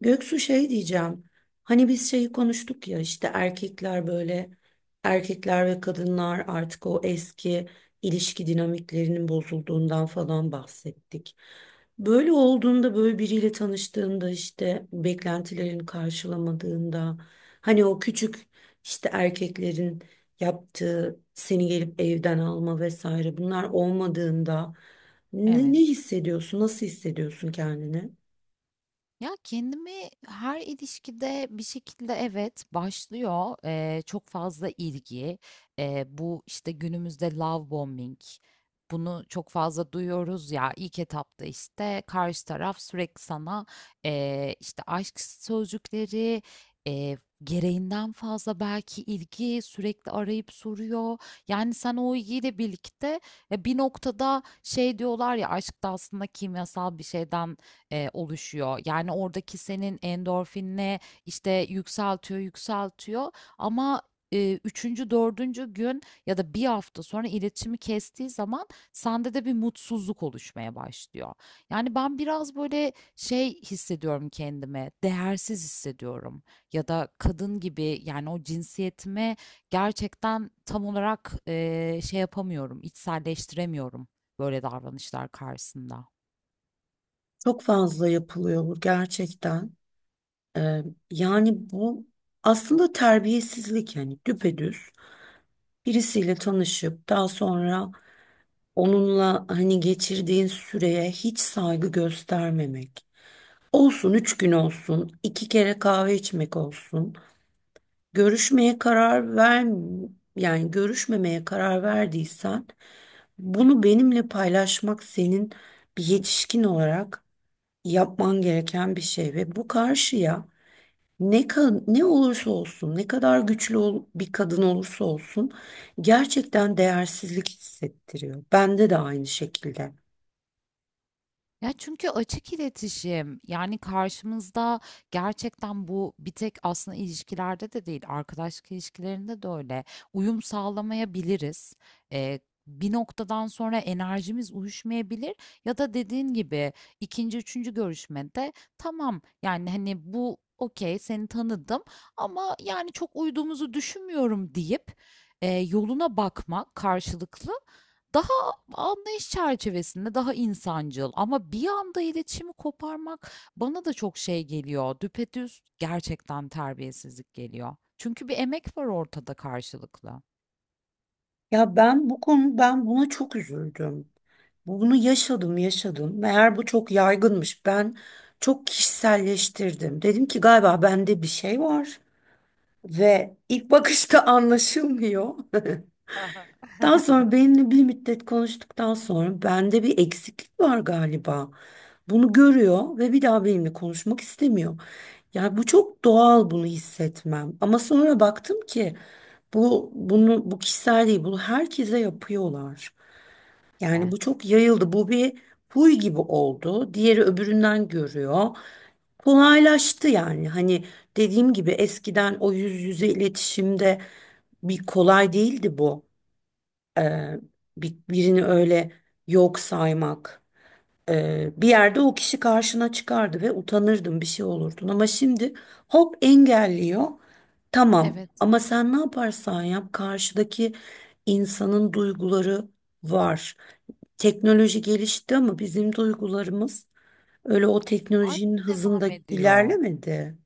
Göksu şey diyeceğim. Hani biz şeyi konuştuk ya işte erkekler böyle erkekler ve kadınlar artık o eski ilişki dinamiklerinin bozulduğundan falan bahsettik. Böyle olduğunda böyle biriyle tanıştığında işte beklentilerini karşılamadığında hani o küçük işte erkeklerin yaptığı seni gelip evden alma vesaire bunlar olmadığında ne Evet. hissediyorsun? Nasıl hissediyorsun kendini? Ya kendimi her ilişkide bir şekilde evet başlıyor, çok fazla ilgi. Bu işte günümüzde love bombing, bunu çok fazla duyuyoruz ya. İlk etapta işte karşı taraf sürekli sana işte aşk sözcükleri, eee, gereğinden fazla belki ilgi, sürekli arayıp soruyor. Yani sen o ilgiyle birlikte, bir noktada şey diyorlar ya, aşk da aslında kimyasal bir şeyden oluşuyor. Yani oradaki senin endorfinle işte yükseltiyor, yükseltiyor, ama üçüncü, dördüncü gün ya da bir hafta sonra iletişimi kestiği zaman sende de bir mutsuzluk oluşmaya başlıyor. Yani ben biraz böyle şey hissediyorum kendime, değersiz hissediyorum, ya da kadın gibi, yani o cinsiyetime gerçekten tam olarak şey yapamıyorum, içselleştiremiyorum böyle davranışlar karşısında. Çok fazla yapılıyor bu gerçekten. Ee, yani bu aslında terbiyesizlik yani düpedüz birisiyle tanışıp daha sonra onunla hani geçirdiğin süreye hiç saygı göstermemek. Olsun 3 gün olsun, 2 kere kahve içmek olsun. Görüşmeye karar ver yani görüşmemeye karar verdiysen bunu benimle paylaşmak senin bir yetişkin olarak yapman gereken bir şey ve bu karşıya ne olursa olsun, ne kadar güçlü bir kadın olursa olsun gerçekten değersizlik hissettiriyor. Bende de aynı şekilde. Ya çünkü açık iletişim, yani karşımızda gerçekten bu bir tek aslında ilişkilerde de değil, arkadaşlık ilişkilerinde de öyle, uyum sağlamayabiliriz. Ee, Bir noktadan sonra enerjimiz uyuşmayabilir, ya da dediğin gibi ikinci, üçüncü görüşmede tamam, yani hani bu okey, seni tanıdım ama yani çok uyduğumuzu düşünmüyorum deyip yoluna bakmak karşılıklı. Daha anlayış çerçevesinde, daha insancıl. Ama bir anda iletişimi koparmak bana da çok şey geliyor. Düpedüz gerçekten terbiyesizlik geliyor. Çünkü bir emek var ortada, karşılıklı. Ya ben bu konu ben buna çok üzüldüm. Bunu yaşadım, yaşadım. Meğer bu çok yaygınmış. Ben çok kişiselleştirdim. Dedim ki galiba bende bir şey var ve ilk bakışta anlaşılmıyor. Hı. Daha sonra benimle bir müddet konuştuktan sonra bende bir eksiklik var galiba. Bunu görüyor ve bir daha benimle konuşmak istemiyor. Yani bu çok doğal bunu hissetmem. Ama sonra baktım ki bu kişisel değil, bunu herkese yapıyorlar. Yani De. bu çok yayıldı. Bu bir huy gibi oldu. Diğeri öbüründen görüyor. Kolaylaştı yani. Hani dediğim gibi eskiden o yüz yüze iletişimde bir kolay değildi bu. Eee, birini öyle yok saymak. Bir yerde o kişi karşına çıkardı ve utanırdın bir şey olurdun. Ama şimdi hop engelliyor. Tamam Evet, ama sen ne yaparsan yap karşıdaki insanın duyguları var. Teknoloji gelişti ama bizim duygularımız öyle o hâlâ teknolojinin devam hızında ediyor. ilerlemedi.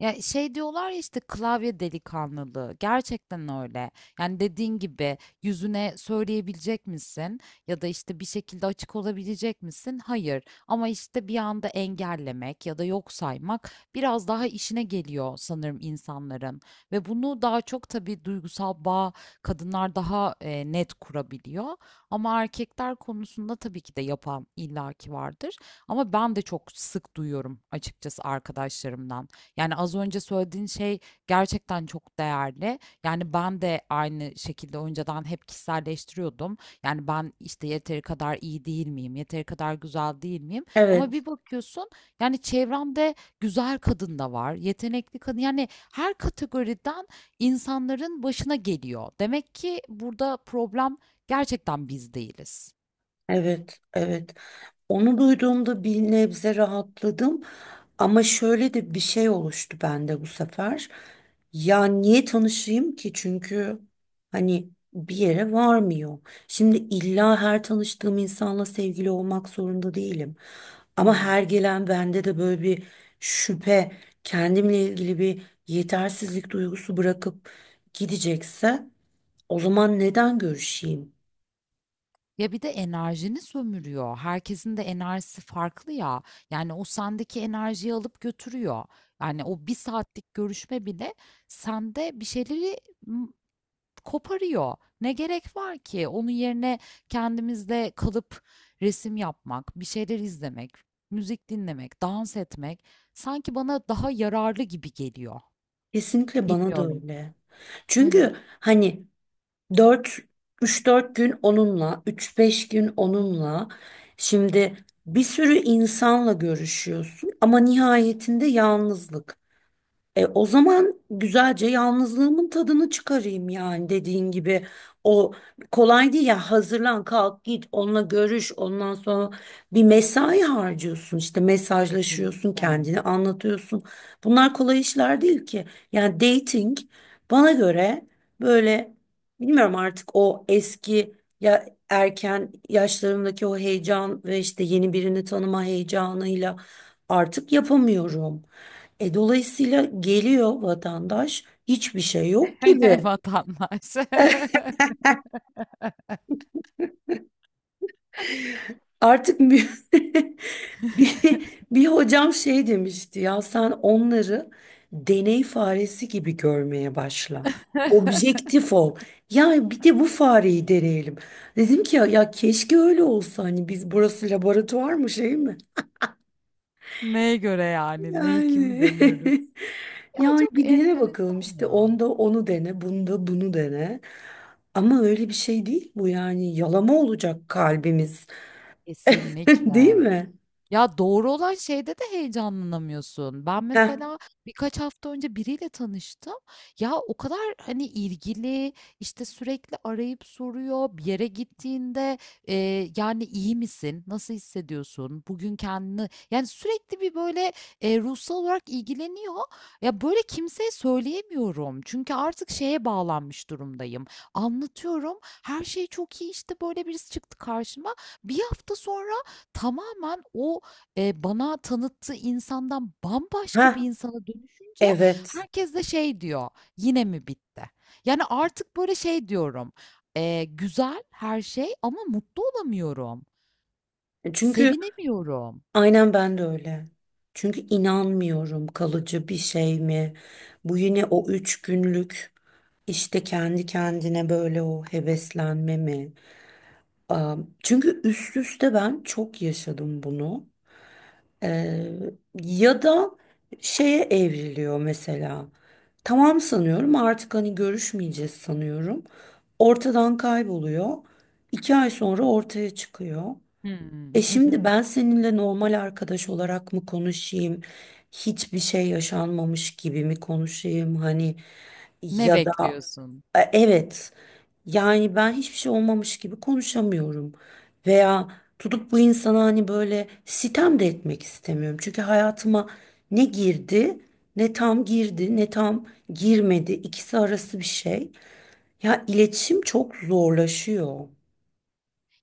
Ya şey diyorlar ya, işte klavye delikanlılığı. Gerçekten öyle. Yani dediğin gibi, yüzüne söyleyebilecek misin? Ya da işte bir şekilde açık olabilecek misin? Hayır. Ama işte bir anda engellemek ya da yok saymak biraz daha işine geliyor sanırım insanların. Ve bunu daha çok tabii duygusal bağ kadınlar daha net kurabiliyor. Ama erkekler konusunda tabii ki de yapan illaki vardır. Ama ben de çok sık duyuyorum açıkçası arkadaşlarımdan. Yani az önce söylediğin şey gerçekten çok değerli. Yani ben de aynı şekilde önceden hep kişiselleştiriyordum. Yani ben işte yeteri kadar iyi değil miyim? Yeteri kadar güzel değil miyim? Ama Evet, bir bakıyorsun, yani çevremde güzel kadın da var, yetenekli kadın. Yani her kategoriden insanların başına geliyor. Demek ki burada problem gerçekten biz değiliz. evet, evet. Onu duyduğumda bir nebze rahatladım ama şöyle de bir şey oluştu bende bu sefer. Ya niye tanışayım ki? Çünkü hani bir yere varmıyor. Şimdi illa her tanıştığım insanla sevgili olmak zorunda değilim. Hı Ama hı. her gelen bende de böyle bir şüphe, kendimle ilgili bir yetersizlik duygusu bırakıp gidecekse o zaman neden görüşeyim? Ya bir de enerjini sömürüyor. Herkesin de enerjisi farklı ya. Yani o sendeki enerjiyi alıp götürüyor. Yani o bir saatlik görüşme bile sende bir şeyleri m, koparıyor. Ne gerek var ki? Onun yerine kendimizde kalıp resim yapmak, bir şeyler izlemek, müzik dinlemek, dans etmek sanki bana daha yararlı gibi geliyor. Kesinlikle bana da Bilmiyorum. öyle. Hı hı. Çünkü hani 4 3-4 gün onunla, üç beş gün onunla. Şimdi bir sürü insanla görüşüyorsun ama nihayetinde yalnızlık. O zaman güzelce yalnızlığımın tadını çıkarayım yani dediğin gibi. O kolay değil ya hazırlan kalk git onunla görüş ondan sonra bir mesai harcıyorsun işte mesajlaşıyorsun Kesinlikle. kendini anlatıyorsun. Bunlar kolay işler değil ki. Yani dating bana göre böyle bilmiyorum artık o eski ya erken yaşlarımdaki o heyecan ve işte yeni birini tanıma heyecanıyla artık yapamıyorum. Dolayısıyla geliyor vatandaş hiçbir şey yok gibi. Vatandaş. Artık bir, bir, bir hocam şey demişti ya sen onları deney faresi gibi görmeye başla. Objektif ol. Ya bir de bu fareyi deneyelim. Dedim ki ya keşke öyle olsa hani biz burası laboratuvar mı şey mi? Neye göre yani? Neyi kimi Yani, deniyoruz? Ya yani çok bir dene bakalım enteresan işte ya. onda onu dene, bunda bunu dene. Ama öyle bir şey değil bu yani yalama olacak kalbimiz, değil Kesinlikle. mi? Ya, doğru olan şeyde de heyecanlanamıyorsun. Ben Heh, mesela birkaç hafta önce biriyle tanıştım. Ya, o kadar, hani, ilgili, işte, sürekli arayıp soruyor. Bir yere gittiğinde, yani, iyi misin? Nasıl hissediyorsun? Bugün kendini" Yani, sürekli bir, böyle, ruhsal olarak ilgileniyor. Ya, böyle, kimseye söyleyemiyorum. Çünkü artık şeye bağlanmış durumdayım. Anlatıyorum, her şey çok iyi, işte, böyle, birisi çıktı karşıma. Bir hafta sonra tamamen o bana tanıttığı insandan heh, bambaşka bir insana dönüşünce evet. herkes de şey diyor, "Yine mi bitti?" Yani, artık, böyle, şey diyorum, "Güzel her şey ama mutlu olamıyorum, Çünkü sevinemiyorum." aynen ben de öyle. Çünkü inanmıyorum kalıcı bir şey mi? Bu yine o 3 günlük işte kendi kendine böyle o heveslenme mi? Çünkü üst üste ben çok yaşadım bunu. Ee, ya da şeye evriliyor mesela. Tamam sanıyorum artık hani görüşmeyeceğiz sanıyorum. Ortadan kayboluyor. 2 ay sonra ortaya çıkıyor. Hımm. E şimdi ben seninle normal arkadaş olarak mı konuşayım? Hiçbir şey yaşanmamış gibi mi konuşayım? Hani Ne ya da bekliyorsun? Evet. Yani ben hiçbir şey olmamış gibi konuşamıyorum. Veya tutup bu insana hani böyle sitem de etmek istemiyorum. Çünkü hayatıma ne girdi, ne tam girdi, ne tam girmedi. İkisi arası bir şey. Ya iletişim çok zorlaşıyor.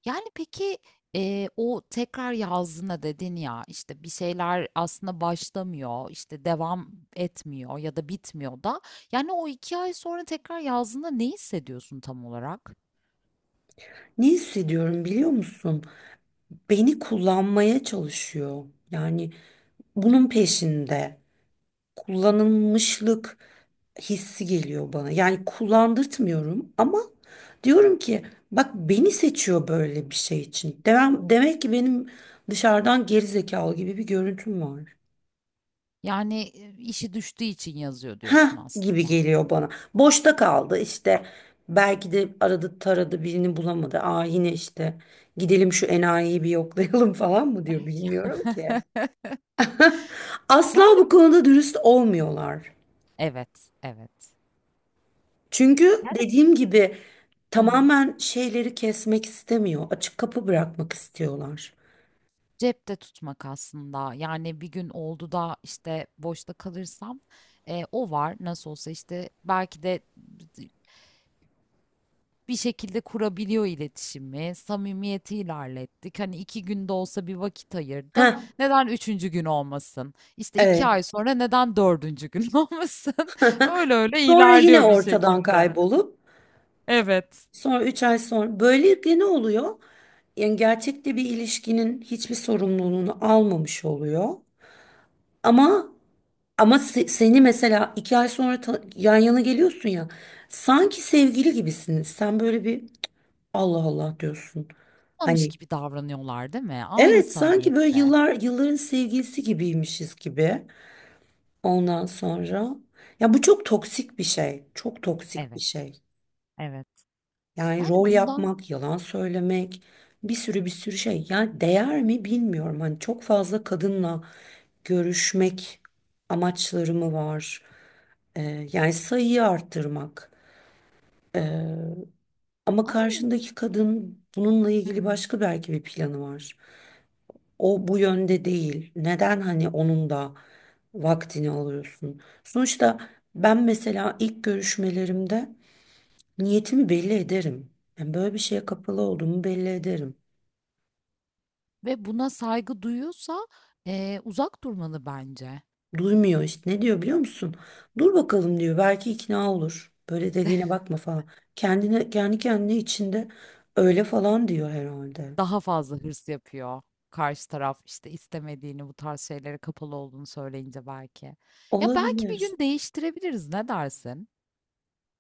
Yani, peki, o tekrar yazdığına dedin ya, işte, bir şeyler aslında başlamıyor, işte, devam etmiyor ya da bitmiyor da, yani, o 2 ay sonra tekrar yazdığında ne hissediyorsun tam olarak? Ne hissediyorum biliyor musun? Beni kullanmaya çalışıyor. Yani bunun peşinde. Kullanılmışlık hissi geliyor bana. Yani kullandırtmıyorum ama diyorum ki bak beni seçiyor böyle bir şey için. Demek ki benim dışarıdan geri zekalı gibi bir görüntüm var. Yani, işi düştüğü için yazıyor diyorsun Ha gibi aslında. geliyor bana. Boşta kaldı işte. Belki de aradı taradı birini bulamadı. Aa yine işte gidelim şu enayiyi bir yoklayalım falan mı diyor Ya- bilmiyorum ki. Asla Yani, bu bu. konuda dürüst olmuyorlar. Evet, evet. Çünkü Yani. dediğim gibi Hı hı. tamamen şeyleri kesmek istemiyor. Açık kapı bırakmak istiyorlar. Cepte tutmak aslında. Yani, bir gün oldu da, işte, boşta kalırsam, o var. Nasıl olsa, işte, belki de bir şekilde kurabiliyor iletişimi. Samimiyeti ilerlettik. Hani iki günde olsa bir vakit ayırdım. Ha, Neden üçüncü gün olmasın? İşte iki evet. ay sonra neden dördüncü gün olmasın? Öyle öyle Sonra yine ilerliyor bir ortadan şekilde. kaybolup Evet. sonra 3 ay sonra böylelikle ne oluyor? Yani gerçekte bir ilişkinin hiçbir sorumluluğunu almamış oluyor. Ama seni mesela 2 ay sonra yan yana geliyorsun ya. Sanki sevgili gibisiniz. Sen böyle bir Allah Allah diyorsun. Olmamış Hani gibi davranıyorlar değil mi? Aynı evet, sanki böyle samimiyette. yıllar yılların sevgilisi gibiymişiz gibi. Ondan sonra ya bu çok toksik bir şey. Çok toksik bir Evet, şey. evet. Yani Yani rol bundan yapmak, yalan söylemek, bir sürü bir sürü şey. Yani değer mi bilmiyorum. Hani çok fazla kadınla görüşmek amaçları mı var? Yani sayıyı arttırmak. Ee, ama ama o- karşındaki kadın bununla Hı ilgili hı. başka belki bir planı var. O bu yönde değil. Neden hani onun da vaktini alıyorsun? Sonuçta ben mesela ilk görüşmelerimde niyetimi belli ederim. Yani böyle bir şeye kapalı olduğumu belli ederim. Ve buna saygı duyuyorsa uzak durmalı bence. Duymuyor işte. Ne diyor biliyor musun? Dur bakalım diyor. Belki ikna olur. Böyle dediğine bakma falan. Kendi kendine içinde öyle falan diyor herhalde. Daha fazla hırs yapıyor karşı taraf, işte, istemediğini, bu tarz şeylere kapalı olduğunu söyleyince belki. Ya, belki bir Olabilir. gün değiştirebiliriz, ne dersin?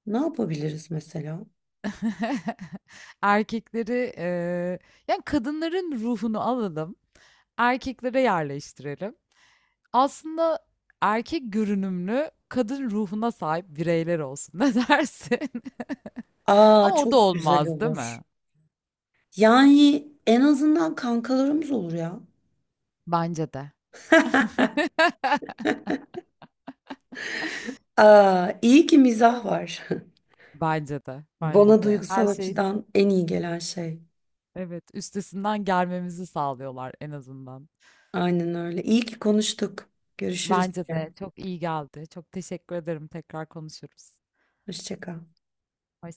Ne yapabiliriz mesela? Erkekleri, yani, kadınların ruhunu alalım, erkeklere yerleştirelim. Aslında erkek görünümlü, kadın ruhuna sahip bireyler olsun, ne dersin? Aa Ama o da çok güzel olmaz, değil olur. mi? Yani en azından kankalarımız olur ya. Bence de. Aa, iyi ki mizah O. var. Bence de, bence Bana de. duygusal Her şey. açıdan en iyi gelen şey. Evet, üstesinden gelmemizi sağlıyorlar en azından. Aynen öyle. İyi ki konuştuk. Görüşürüz. Bence de çok iyi geldi. Çok teşekkür ederim. Tekrar konuşuruz. Hoşça kal. Hoşça